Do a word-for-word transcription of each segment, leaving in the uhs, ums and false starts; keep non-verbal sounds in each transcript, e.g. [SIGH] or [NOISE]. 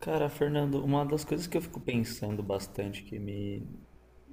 Cara, Fernando, uma das coisas que eu fico pensando bastante, que me,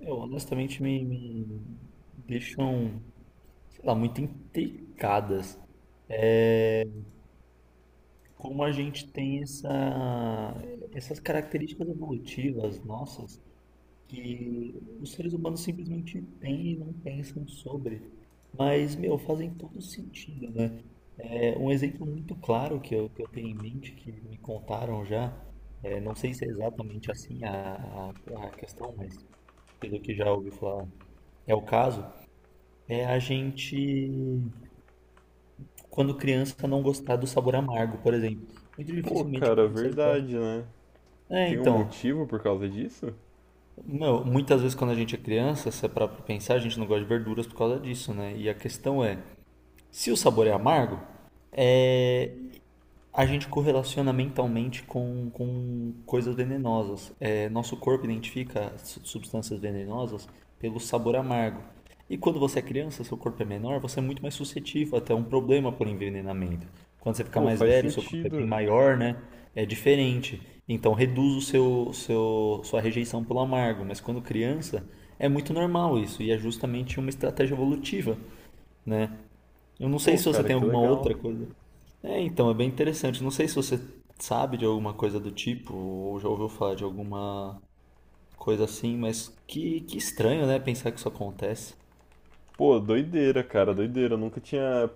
eu, honestamente me, me deixam, sei lá, muito intricadas, é como a gente tem essa, essas características evolutivas nossas que os seres humanos simplesmente têm e não pensam sobre, mas, meu, fazem todo sentido, né? É, um exemplo muito claro que eu, que eu tenho em mente, que me contaram já, é, não sei se é exatamente assim a, a, a questão, mas pelo que já ouvi falar, é o caso, é a gente, quando criança, não gostar do sabor amargo, por exemplo. Muito Pô, dificilmente cara, crianças gostam. verdade, né? É, Tem um então, motivo por causa disso? meu, muitas vezes quando a gente é criança, se é pra pensar, a gente não gosta de verduras por causa disso, né? E a questão é, se o sabor é amargo, é, a gente correlaciona mentalmente com, com coisas venenosas. É, nosso corpo identifica su- substâncias venenosas pelo sabor amargo. E quando você é criança, seu corpo é menor, você é muito mais suscetível até um problema por envenenamento. Quando você fica Pô, mais faz velho, seu corpo é bem sentido. maior, né? É diferente. Então reduz o seu, seu, sua rejeição pelo amargo. Mas quando criança, é muito normal isso. E é justamente uma estratégia evolutiva, né? Eu não sei Pô, se você cara, tem que alguma legal. outra coisa. É, então, é bem interessante. Não sei se você sabe de alguma coisa do tipo, ou já ouviu falar de alguma coisa assim, mas que, que estranho, né? Pensar que isso acontece. Pô, doideira, cara, doideira. Eu nunca tinha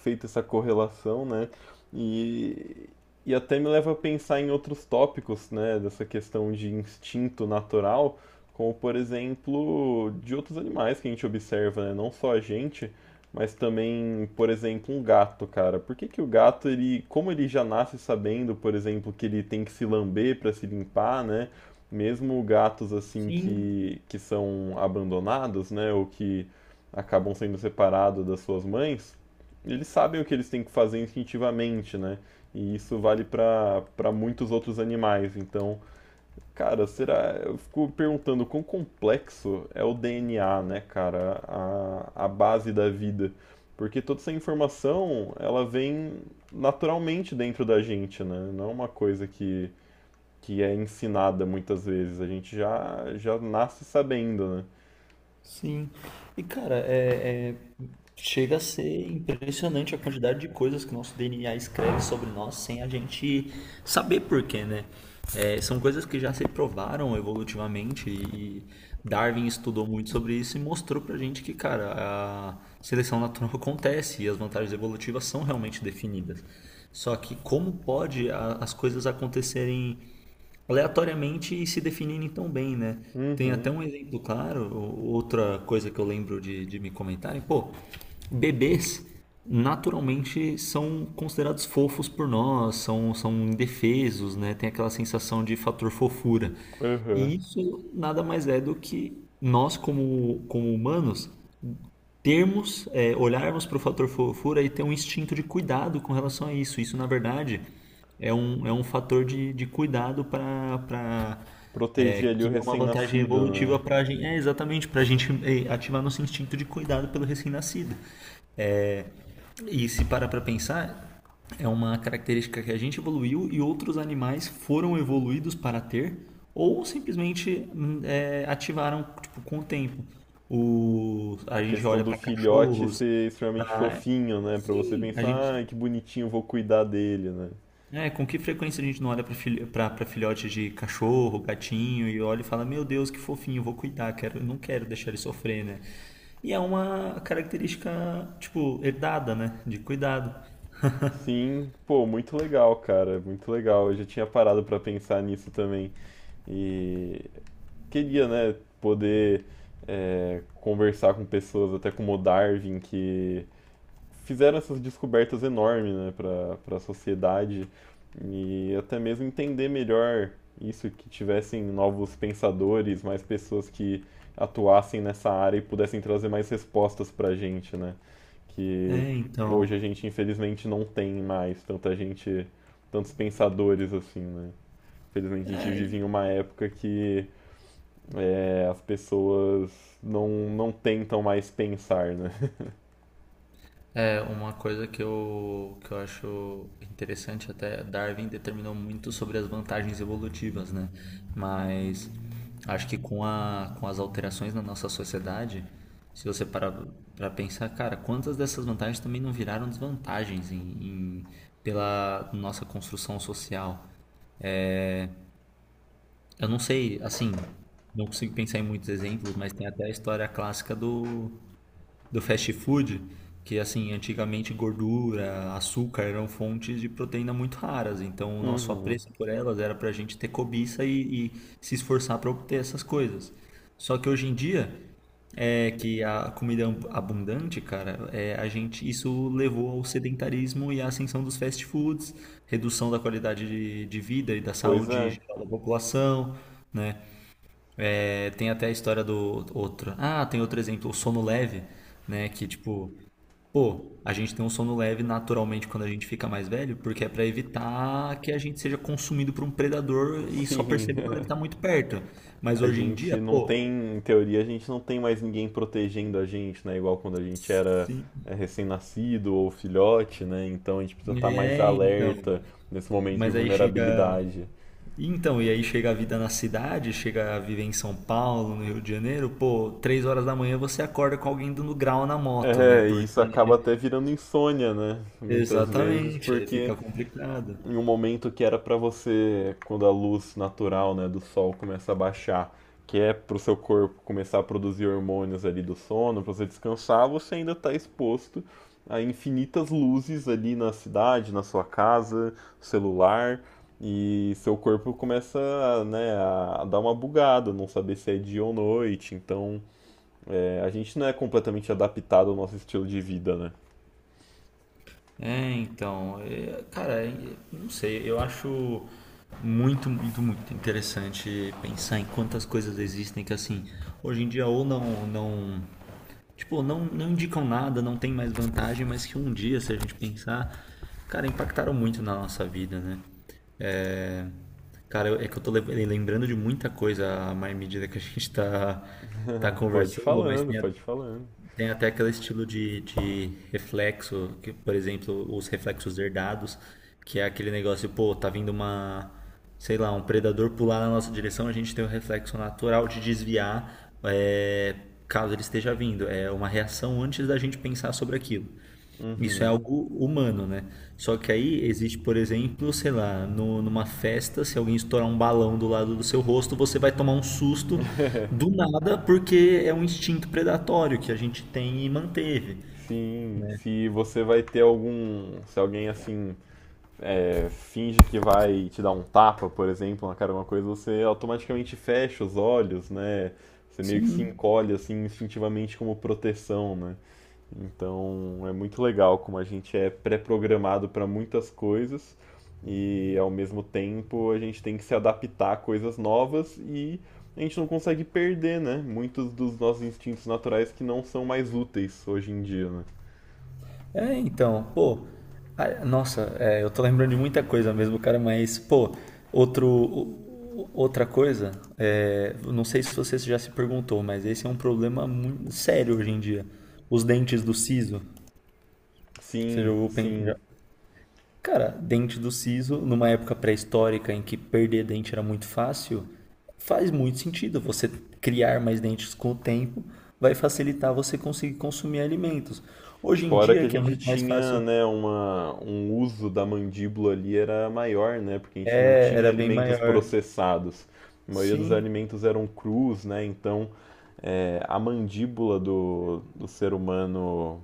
feito essa correlação, né? E, e até me leva a pensar em outros tópicos, né? Dessa questão de instinto natural, como por exemplo, de outros animais que a gente observa, né? Não só a gente, mas também, por exemplo, um gato, cara. Por que que o gato, ele, como ele já nasce sabendo, por exemplo, que ele tem que se lamber para se limpar, né? Mesmo gatos assim Sim. que, que são abandonados, né? Ou que acabam sendo separados das suas mães, eles sabem o que eles têm que fazer instintivamente, né? E isso vale para para muitos outros animais. Então, cara, será. Eu fico perguntando quão complexo é o D N A, né, cara? A, a base da vida. Porque toda essa informação, ela vem naturalmente dentro da gente, né? Não é uma coisa que, que é ensinada muitas vezes. A gente já, já nasce sabendo, né? Sim. E cara, é, é- chega a ser impressionante a quantidade de coisas que o nosso D N A escreve sobre nós sem a gente saber porquê, né? É, são coisas que já se provaram evolutivamente e Darwin estudou muito sobre isso e mostrou pra gente que, cara, a seleção natural [LAUGHS] acontece e as vantagens evolutivas são realmente definidas. Só que como pode a- as coisas acontecerem aleatoriamente e se definindo tão bem, né? Tem até Uhum, um exemplo claro, o- outra coisa que eu lembro de, de me comentarem, pô, bebês naturalmente são considerados fofos por nós, são, são indefesos, né? Tem aquela sensação de fator fofura. uhum. E isso nada mais é do que nós, como, como humanos, termos, é, olharmos para o fator fofura e ter um instinto de cuidado com relação a isso. Isso, na verdade, é um, é um fator de, de cuidado para é, Proteger ali o que é uma vantagem recém-nascido, evolutiva né? para a gente, é exatamente para a gente é, ativar nosso instinto de cuidado pelo recém-nascido. E se parar para pensar, é uma característica que a gente evoluiu e outros animais foram evoluídos para ter ou simplesmente hum, é, ativaram tipo, com o tempo. O, A a gente questão olha do para filhote cachorros, ser extremamente pra, fofinho, né? Pra você Sim, a gente. pensar, ai, que bonitinho, vou cuidar dele, né? É, com que frequência a gente não olha para filho, pra, pra filhote de cachorro, gatinho e olha e fala: Meu Deus, que fofinho, vou cuidar, quero, não quero deixar ele sofrer, né? E é uma característica, tipo, herdada, né? De cuidado. Sim, pô, muito legal, cara, muito legal. Eu já tinha parado pra pensar nisso também. E queria, né, poder é, conversar com pessoas, até como o Darwin, que fizeram essas descobertas enormes, né, para para a sociedade e até mesmo entender melhor isso, que tivessem novos pensadores, mais pessoas que atuassem nessa área e pudessem trazer mais respostas para a gente, né? Que É, então. hoje a gente infelizmente não tem mais tanta gente, tantos pensadores assim, né? Infelizmente a gente vive em uma época que é, as pessoas não, não tentam mais pensar, né? [LAUGHS] É, uma coisa que eu, que eu acho interessante até, Darwin determinou muito sobre as vantagens evolutivas, né? Mas acho que com a, com as alterações na nossa sociedade, se você parar para pensar, cara, quantas dessas vantagens também não viraram desvantagens em, em- pela nossa construção social? Eu não sei, assim, não consigo pensar em muitos exemplos, mas tem até a história clássica do, do fast food, que assim, antigamente gordura, açúcar eram fontes de proteína muito raras, então o nosso apreço por elas era para a gente ter cobiça e, e se esforçar para obter essas coisas. Só que hoje em dia, é que a comida ab- abundante, cara, é, a gente isso levou ao sedentarismo e à ascensão dos fast foods, redução da qualidade de, de vida e da Pois saúde é, geral da população, né? É, tem até a história do outro. Ah, tem outro exemplo, o sono leve, né? Que tipo, pô, a gente tem um sono leve naturalmente quando a gente fica mais velho, porque é pra evitar que a gente seja consumido por um predador e só sim. perceba quando ele tá [LAUGHS] muito perto. Mas A hoje em gente dia, não pô, tem, em teoria, a gente não tem mais ninguém protegendo a gente, né? Igual quando a gente era sim, é, recém-nascido ou filhote, né? Então a gente precisa estar mais é então. alerta nesse momento de Mas aí chega. vulnerabilidade. Então, e aí chega a vida na cidade, chega a viver em São Paulo, no Rio de Janeiro, pô, três horas da manhã você acorda com alguém dando grau na moto, né? É, e Porque. isso acaba até virando insônia, né? Muitas vezes, Exatamente, aí porque fica complicado. em um momento que era para você, quando a luz natural, né, do sol começa a baixar, que é para o seu corpo começar a produzir hormônios ali do sono, para você descansar, você ainda está exposto a infinitas luzes ali na cidade, na sua casa, celular, e seu corpo começa, né, a, dar uma bugada, não saber se é dia ou noite. Então, é, a gente não é completamente adaptado ao nosso estilo de vida, né? É, então, é, cara, é, não sei, eu acho muito, muito, muito interessante pensar em quantas coisas existem que assim, hoje em dia ou não, não, tipo, não, não indicam nada, não tem mais vantagem, mas que um dia, se a gente pensar, cara, impactaram muito na nossa vida, né? É, cara, eu- é que eu tô le- lembrando de muita coisa à mais medida que a gente tá, tá Pode ir conversando, mas falando, tem. pode ir falando. Tem até aquele estilo de, de reflexo, que, por exemplo, os reflexos herdados, que é aquele negócio, pô, tá vindo uma, sei lá, um predador pular na nossa direção, a gente tem o reflexo natural de desviar, é, caso ele esteja vindo. É uma reação antes da gente pensar sobre aquilo. Isso é Uhum. algo humano, né? Só que aí existe, por exemplo, sei lá, no- numa festa, se alguém estourar um balão do lado do seu rosto, você vai tomar um susto do nada, porque é um instinto predatório que a gente tem e manteve. Sim, se você vai ter algum. Se alguém assim é, finge que vai te dar um tapa, por exemplo, na cara de uma coisa, você automaticamente fecha os olhos, né? Você meio que se Sim. encolhe assim instintivamente como proteção, né? Então é muito legal como a gente é pré-programado para muitas coisas e ao mesmo tempo a gente tem que se adaptar a coisas novas e a gente não consegue perder, né? Muitos dos nossos instintos naturais que não são mais úteis hoje em dia, né? É, então, pô, a- nossa, é, eu tô lembrando de muita coisa mesmo, cara, mas, pô, outro, o- outra coisa, é, eu não sei se você já se perguntou, mas esse é um problema muito sério hoje em dia. Os dentes do siso, você já Sim, ouviu, pen- sim. já. Cara, dente do siso, numa época pré-histórica em que perder dente era muito fácil, faz muito sentido. Você criar mais dentes com o tempo vai facilitar você conseguir consumir alimentos. Hoje em Fora que dia, a que é gente muito mais tinha, fácil, né, uma, um uso da mandíbula ali era maior, né, porque a gente não é, tinha era bem alimentos maior. processados. A maioria dos Sim, alimentos eram crus, né, então é, a mandíbula do, do ser humano.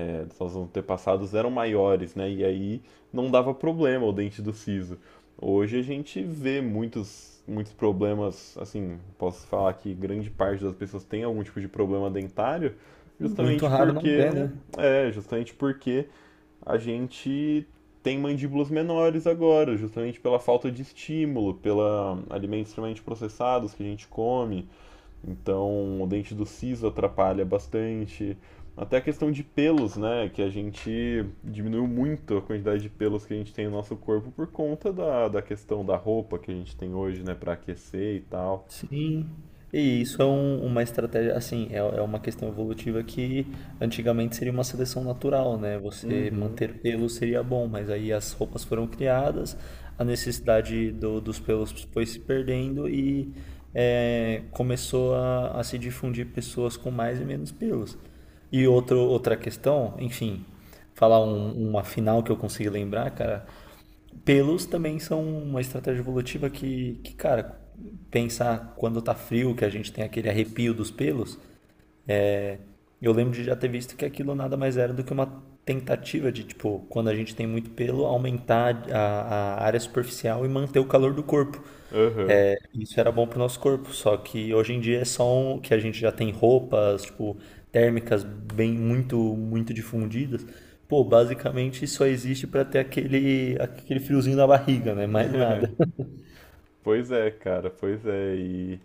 Eles, os antepassados eram maiores, né? E aí não dava problema o dente do siso. Hoje a gente vê muitos, muitos problemas, assim, posso falar que grande parte das pessoas tem algum tipo de problema dentário, muito justamente raro não ter, porque, né? é, justamente porque a gente tem mandíbulas menores agora, justamente pela falta de estímulo, pela alimentos extremamente processados que a gente come, então, o dente do siso atrapalha bastante. Até a questão de pelos, né? Que a gente diminuiu muito a quantidade de pelos que a gente tem no nosso corpo por conta da, da questão da roupa que a gente tem hoje, né? Pra aquecer e tal. Sim, e isso é um- uma estratégia, assim, é, é uma questão evolutiva que antigamente seria uma seleção natural, né? Você Uhum. manter pelos seria bom, mas aí as roupas foram criadas, a necessidade do- dos pelos foi se perdendo e é, começou a, a se difundir pessoas com mais e menos pelos. E outro, outra questão, enfim, falar um- uma final que eu consegui lembrar, cara, pelos também são uma estratégia evolutiva que, que, cara, pensar quando tá frio, que a gente tem aquele arrepio dos pelos, eu lembro de já ter visto que aquilo nada mais era do que uma tentativa de, tipo, quando a gente tem muito pelo, aumentar a, a área superficial e manter o calor do corpo. Aham. É, isso era bom pro nosso corpo, só que hoje em dia é só um, que a gente já tem roupas, tipo, térmicas bem muito, muito difundidas. Pô, basicamente só existe pra ter aquele, aquele friozinho na barriga, né? Mais nada. Pois é, cara, pois é. E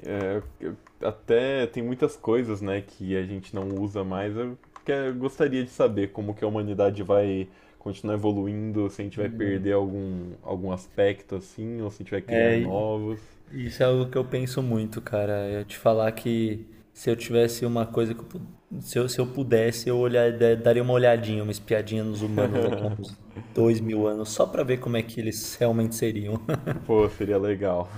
é, eu- até tem muitas coisas, né, que a gente não usa mais. Eu que- eu gostaria de saber como que a humanidade vai continuar evoluindo, se a gente vai perder Hum, algum, algum aspecto assim, ou se a gente vai criar É, i- novos. isso é algo que eu penso muito, cara. Eu te falar que se eu tivesse uma coisa que eu, pu- se eu, se eu pudesse, eu olhar, da- daria uma olhadinha, uma espiadinha nos humanos daqui a uns dois mil anos, só pra ver como é que eles realmente seriam. Pô, seria legal.